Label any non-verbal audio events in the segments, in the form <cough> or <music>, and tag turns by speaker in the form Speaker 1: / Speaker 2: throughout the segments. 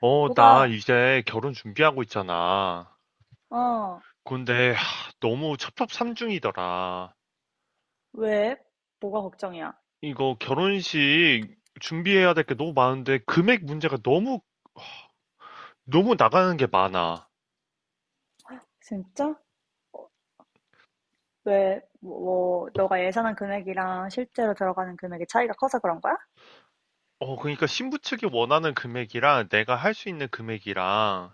Speaker 1: 어, 나
Speaker 2: 뭐가,
Speaker 1: 이제 결혼 준비하고 있잖아.
Speaker 2: 어,
Speaker 1: 근데 하, 너무 첩첩산중이더라.
Speaker 2: 왜? 뭐가 걱정이야?
Speaker 1: 이거 결혼식 준비해야 될 게 너무 많은데 금액 문제가 너무 나가는 게 많아.
Speaker 2: 진짜? 왜, 뭐, 너가 예상한 금액이랑 실제로 들어가는 금액의 차이가 커서 그런 거야?
Speaker 1: 어, 그러니까 신부 측이 원하는 금액이랑 내가 할 수 있는 금액이랑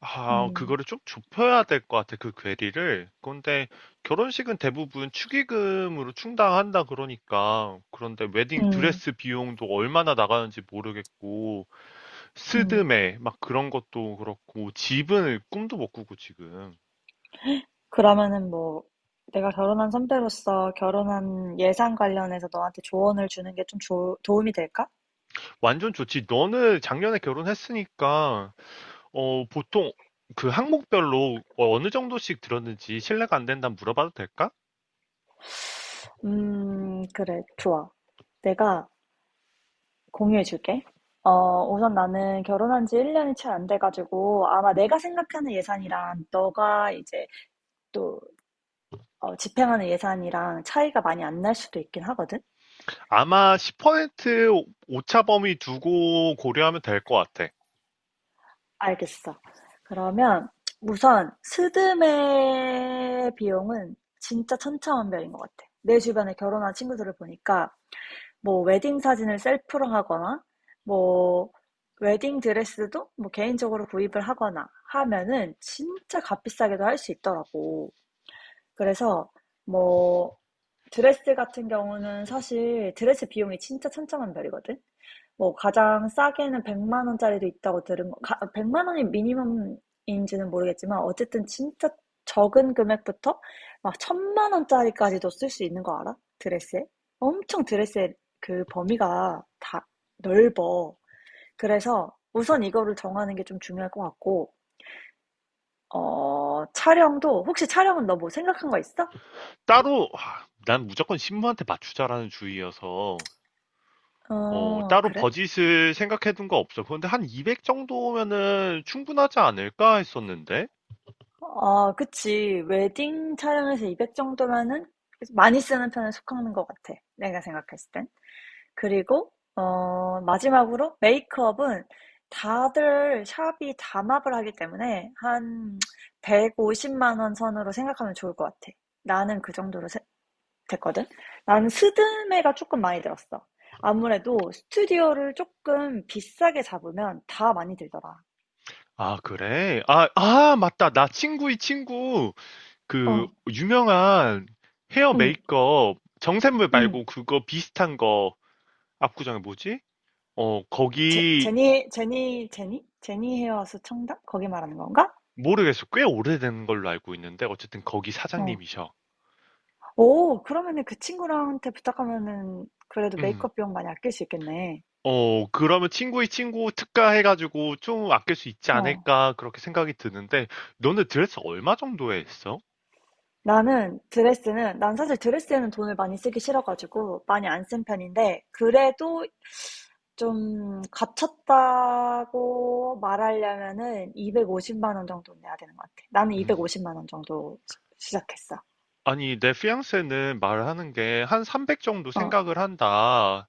Speaker 1: 아,
Speaker 2: 음,
Speaker 1: 그거를 좀 좁혀야 될 것 같아, 그 괴리를. 근데 결혼식은 대부분 축의금으로 충당한다 그러니까. 그런데 웨딩
Speaker 2: 음,
Speaker 1: 드레스 비용도 얼마나 나가는지 모르겠고.
Speaker 2: 음.
Speaker 1: 스드메 막 그런 것도 그렇고 집은 꿈도 못 꾸고 지금
Speaker 2: 그러면은 뭐, 내가 결혼한 선배로서 결혼한 예산 관련해서 너한테 조언을 주는 게 좀 도움이 될까?
Speaker 1: 완전 좋지. 너는 작년에 결혼했으니까 어 보통 그 항목별로 어, 어느 정도씩 들었는지 신뢰가 안 된다면 물어봐도 될까?
Speaker 2: 그래, 좋아. 내가 공유해 줄게. 우선 나는 결혼한 지 1년이 채 안 돼가지고, 아마 내가 생각하는 예산이랑 너가 이제 또 집행하는 예산이랑 차이가 많이 안 날 수도 있긴 하거든?
Speaker 1: 아마 10% 오차 범위 두고 고려하면 될 것 같아.
Speaker 2: 알겠어. 그러면 우선 스드메 비용은 진짜 천차만별인 것 같아. 내 주변에 결혼한 친구들을 보니까 뭐 웨딩 사진을 셀프로 하거나 뭐 웨딩 드레스도 뭐 개인적으로 구입을 하거나 하면은 진짜 값비싸게도 할 수 있더라고. 그래서 뭐 드레스 같은 경우는 사실 드레스 비용이 진짜 천차만별이거든. 뭐 가장 싸게는 100만 원짜리도 있다고 들은 거. 가, 100만 원이 미니멈인지는 모르겠지만 어쨌든 진짜 적은 금액부터 막 천만 원짜리까지도 쓸 수 있는 거 알아? 드레스에? 엄청 드레스의 그 범위가 다 넓어. 그래서 우선 이거를 정하는 게 좀 중요할 것 같고, 어, 촬영도, 혹시 촬영은 너 뭐 생각한 거 있어?
Speaker 1: 따로 아, 난 무조건 신부한테 맞추자라는 주의여서 어,
Speaker 2: 어,
Speaker 1: 따로
Speaker 2: 그래?
Speaker 1: 버짓을 생각해 둔 거 없어. 그런데 한 200 정도면은 충분하지 않을까 했었는데.
Speaker 2: 아, 그치. 웨딩 촬영에서 200 정도면은 많이 쓰는 편에 속하는 것 같아. 내가 생각했을 땐. 그리고, 어, 마지막으로 메이크업은 다들 샵이 담합을 하기 때문에 한 150만 원 선으로 생각하면 좋을 것 같아. 나는 그 정도로 됐거든. 나는 스드메가 조금 많이 들었어. 아무래도 스튜디오를 조금 비싸게 잡으면 다 많이 들더라.
Speaker 1: 아 그래? 아, 아 맞다. 나 친구의 친구 그
Speaker 2: 어,
Speaker 1: 유명한 헤어
Speaker 2: 응,
Speaker 1: 메이크업 정샘물
Speaker 2: 응.
Speaker 1: 말고 그거 비슷한 거 압구정에 뭐지? 어
Speaker 2: 제,
Speaker 1: 거기
Speaker 2: 제니, 제니, 제니? 제니 헤어스 청담? 거기 말하는 건가?
Speaker 1: 모르겠어. 꽤 오래된 걸로 알고 있는데 어쨌든 거기
Speaker 2: 어.
Speaker 1: 사장님이셔.
Speaker 2: 오, 그러면은 그 친구랑한테 부탁하면은 그래도
Speaker 1: 음.
Speaker 2: 메이크업 비용 많이 아낄 수 있겠네.
Speaker 1: 어 그러면 친구의 친구 특가 해가지고 좀 아낄 수 있지
Speaker 2: 어.
Speaker 1: 않을까 그렇게 생각이 드는데 너네 드레스 얼마 정도에 했어?
Speaker 2: 나는 드레스는, 난 사실 드레스에는 돈을 많이 쓰기 싫어가지고 많이 안 쓴 편인데, 그래도 좀 갇혔다고 말하려면은 250만 원 정도 내야 되는 것 같아. 나는
Speaker 1: 음.
Speaker 2: 250만 원 정도 시작했어.
Speaker 1: 아니 내 피앙세는 말하는 게 한 300 정도
Speaker 2: 어,
Speaker 1: 생각을 한다.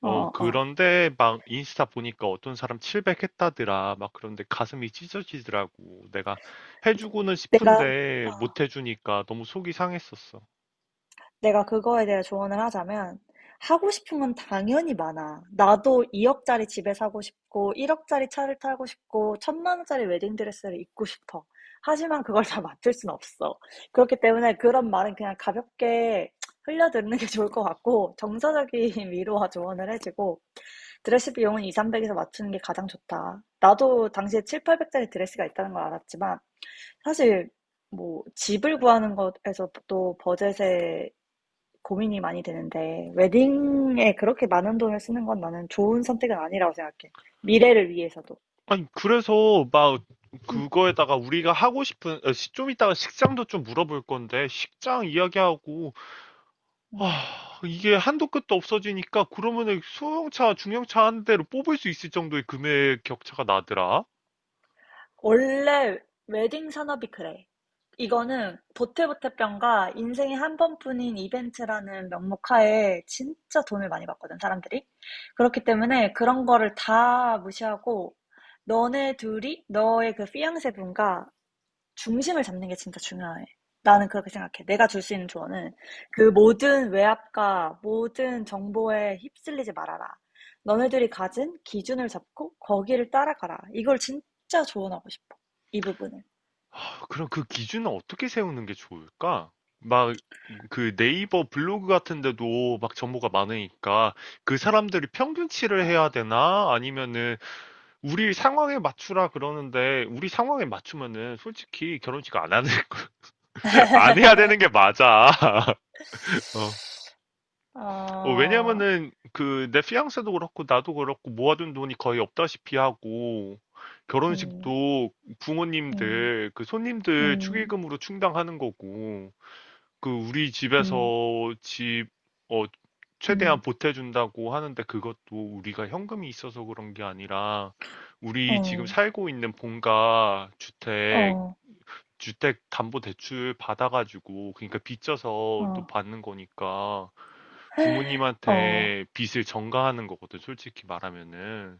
Speaker 2: 어,
Speaker 1: 어,
Speaker 2: 어. 어.
Speaker 1: 그런데 막 인스타 보니까 어떤 사람 700 했다더라. 막 그런데 가슴이 찢어지더라고. 내가 해주고는
Speaker 2: 내가,
Speaker 1: 싶은데 못 해주니까 너무 속이 상했었어.
Speaker 2: 내가 그거에 대해 조언을 하자면 하고 싶은 건 당연히 많아. 나도 2억짜리 집에 사고 싶고 1억짜리 차를 타고 싶고 천만 원짜리 웨딩드레스를 입고 싶어. 하지만 그걸 다 맞출 순 없어. 그렇기 때문에 그런 말은 그냥 가볍게 흘려듣는 게 좋을 것 같고, 정서적인 위로와 조언을 해주고 드레스 비용은 2, 300에서 맞추는 게 가장 좋다. 나도 당시에 7, 800짜리 드레스가 있다는 걸 알았지만 사실 뭐 집을 구하는 것에서도 버젯에 고민이 많이 되는데 웨딩에 그렇게 많은 돈을 쓰는 건 나는 좋은 선택은 아니라고 생각해. 미래를 위해서도.
Speaker 1: 아니, 그래서 막
Speaker 2: 음,
Speaker 1: 그거에다가 우리가 하고 싶은, 어, 좀 이따가 식장도 좀 물어볼 건데, 식장 이야기하고,
Speaker 2: 음,
Speaker 1: 아, 이게 한도 끝도 없어지니까 그러면은 소형차, 중형차 한 대로 뽑을 수 있을 정도의 금액 격차가 나더라.
Speaker 2: 원래 웨딩 산업이 그래. 이거는 보태보태병과 인생에 한 번뿐인 이벤트라는 명목하에 진짜 돈을 많이 받거든, 사람들이. 그렇기 때문에 그런 거를 다 무시하고 너네 둘이 너의 그 피앙세 분과 중심을 잡는 게 진짜 중요해. 나는 그렇게 생각해. 내가 줄 수 있는 조언은 그 모든 외압과 모든 정보에 휩쓸리지 말아라. 너네들이 가진 기준을 잡고 거기를 따라가라. 이걸 진짜 조언하고 싶어. 이 부분을.
Speaker 1: 아, 그럼 그 기준은 어떻게 세우는 게 좋을까? 막, 그 네이버 블로그 같은 데도 막 정보가 많으니까 그 사람들이 평균치를 해야 되나? 아니면은 우리 상황에 맞추라 그러는데 우리 상황에 맞추면은 솔직히 결혼식 안 하는 <laughs> 안 해야 되는 게 맞아. <laughs> 어. 어,
Speaker 2: 아,
Speaker 1: 왜냐면은 그 내 피앙세도 그렇고 나도 그렇고 모아둔 돈이 거의 없다시피 하고
Speaker 2: 음,
Speaker 1: 결혼식도
Speaker 2: 음,
Speaker 1: 부모님들 그 손님들
Speaker 2: 음,
Speaker 1: 축의금으로 충당하는 거고 그 우리 집에서
Speaker 2: 음,
Speaker 1: 집, 어, 최대한 보태준다고 하는데 그것도 우리가 현금이 있어서 그런 게 아니라 우리 지금
Speaker 2: 어,
Speaker 1: 살고 있는 본가 주택,
Speaker 2: 어,
Speaker 1: 주택 담보 대출 받아가지고 그러니까 빚져서 또
Speaker 2: 어,
Speaker 1: 받는 거니까
Speaker 2: 어,
Speaker 1: 부모님한테 빚을 전가하는 거거든, 솔직히 말하면은.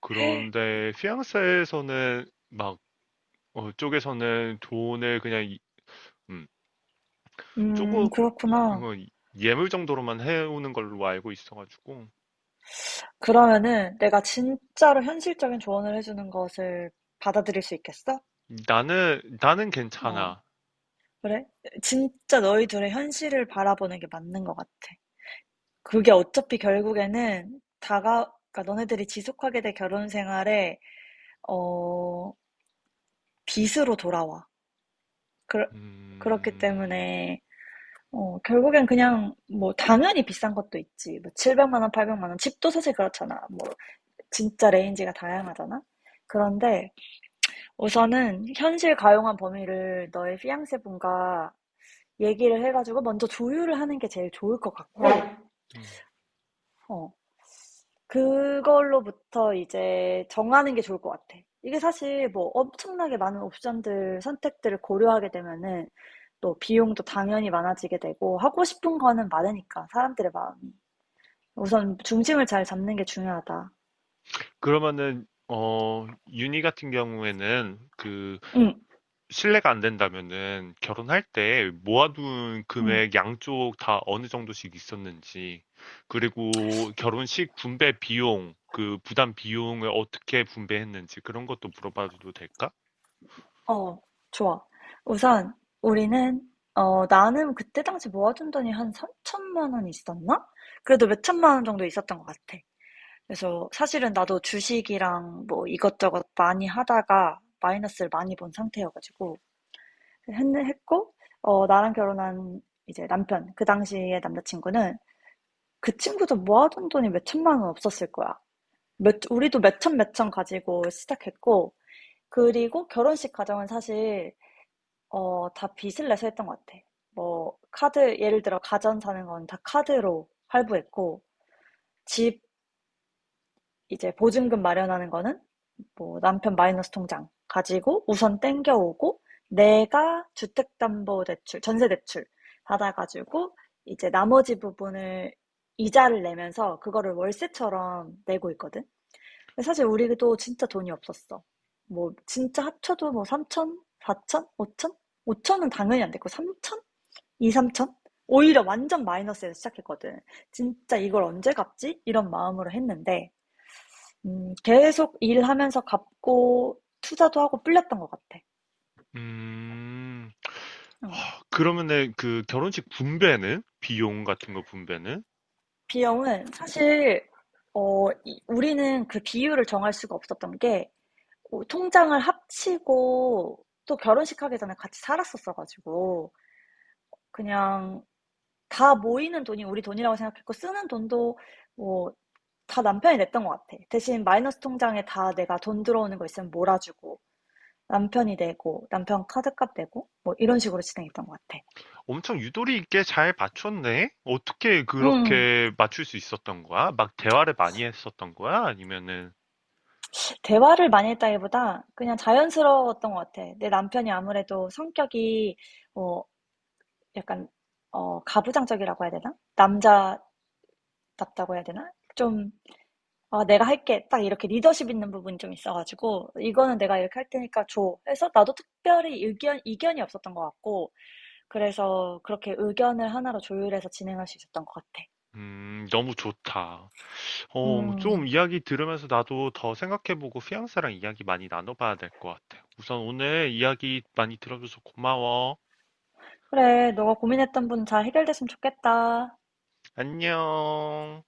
Speaker 1: 그런데 피앙세에서는 막 어, 쪽에서는 돈을 그냥 음, 조금
Speaker 2: 그렇구나.
Speaker 1: 뭐 예물 정도로만 해오는 걸로 알고 있어가지고
Speaker 2: 그러면은 내가 진짜로 현실적인 조언을 해주는 것을 받아들일 수 있겠어?
Speaker 1: 나는
Speaker 2: 어.
Speaker 1: 괜찮아.
Speaker 2: 그래? 진짜 너희 둘의 현실을 바라보는 게 맞는 것 같아. 그게 어차피 결국에는 다가, 그러니까 너네들이 지속하게 될 결혼 생활에, 어, 빚으로 돌아와. 그, 그렇기
Speaker 1: 음,
Speaker 2: 때문에, 어, 결국엔 그냥, 뭐, 당연히 비싼 것도 있지. 뭐, 700만 원, 800만 원. 집도 사실 그렇잖아. 뭐, 진짜 레인지가 다양하잖아? 그런데 우선은 현실 가용한 범위를 너의 피앙세 분과 얘기를 해가지고 먼저 조율을 하는 게 제일 좋을 것 같고,
Speaker 1: 음.
Speaker 2: 어, 그걸로부터 이제 정하는 게 좋을 것 같아. 이게 사실 뭐 엄청나게 많은 옵션들, 선택들을 고려하게 되면은 또 비용도 당연히 많아지게 되고 하고 싶은 거는 많으니까 사람들의 마음이. 우선 중심을 잘 잡는 게 중요하다.
Speaker 1: 그러면은 어 윤희 같은 경우에는 그
Speaker 2: 응,
Speaker 1: 신뢰가 안 된다면은 결혼할 때 모아둔
Speaker 2: 응,
Speaker 1: 금액 양쪽 다 어느 정도씩 있었는지 그리고 결혼식 분배 비용 그 부담 비용을 어떻게 분배했는지 그런 것도 물어봐도 될까?
Speaker 2: 어, 좋아. 우선 우리는 어, 나는 그때 당시 모아둔 돈이 한 3천만 원 있었나? 그래도 몇 천만 원 정도 있었던 것 같아. 그래서 사실은 나도 주식이랑 뭐 이것저것 많이 하다가 마이너스를 많이 본 상태여가지고 했고 어, 나랑 결혼한 이제 남편, 그 당시의 남자친구는 그 친구도 모아둔 돈이 몇 천만 원 없었을 거야. 몇, 우리도 몇 천 몇 천 가지고 시작했고 그리고 결혼식 과정은 사실 어, 다 빚을 내서 했던 것 같아. 뭐 카드, 예를 들어 가전 사는 건 다 카드로 할부했고 집 이제 보증금 마련하는 거는 뭐 남편 마이너스 통장 가지고 우선 땡겨오고 내가 주택담보대출, 전세대출 받아가지고 이제 나머지 부분을 이자를 내면서 그거를 월세처럼 내고 있거든. 사실 우리도 진짜 돈이 없었어. 뭐 진짜 합쳐도 뭐 3천, 4천, 5천? 5천은 당연히 안 됐고 3천? 2, 3천? 오히려 완전 마이너스에서 시작했거든. 진짜 이걸 언제 갚지? 이런 마음으로 했는데 계속 일하면서 갚고 투자도 하고 불렸던 것 같아.
Speaker 1: 음.
Speaker 2: 응.
Speaker 1: 아, 그러면은 그 결혼식 분배는? 비용 같은 거 분배는?
Speaker 2: 비용은 사실 어 이 우리는 그 비율을 정할 수가 없었던 게 어 통장을 합치고 또 결혼식 하기 전에 같이 살았었어 가지고 그냥 다 모이는 돈이 우리 돈이라고 생각했고 쓰는 돈도 뭐 다 남편이 냈던 것 같아. 대신 마이너스 통장에 다 내가 돈 들어오는 거 있으면 몰아주고 남편이 내고 남편 카드값 내고 뭐 이런 식으로 진행했던 것 같아.
Speaker 1: 엄청 유도리 있게 잘 맞췄네? 어떻게
Speaker 2: 음.
Speaker 1: 그렇게 맞출 수 있었던 거야? 막 대화를 많이 했었던 거야? 아니면은,
Speaker 2: 대화를 많이 했다기보다 그냥 자연스러웠던 것 같아. 내 남편이 아무래도 성격이 어 약간 어 가부장적이라고 해야 되나? 남자답다고 해야 되나? 좀 아, 내가 할게. 딱 이렇게 리더십 있는 부분이 좀 있어가지고, 이거는 내가 이렇게 할 테니까 줘. 해서 나도 특별히 이견이 없었던 것 같고, 그래서 그렇게 의견을 하나로 조율해서 진행할 수 있었던 것 같아.
Speaker 1: 너무 좋다. 어, 좀
Speaker 2: 음,
Speaker 1: 이야기 들으면서 나도 더 생각해보고 피앙사랑 이야기 많이 나눠봐야 될 것 같아. 우선 오늘 이야기 많이 들어줘서 고마워.
Speaker 2: 그래. 너가 고민했던 분 잘 해결됐으면 좋겠다.
Speaker 1: 안녕.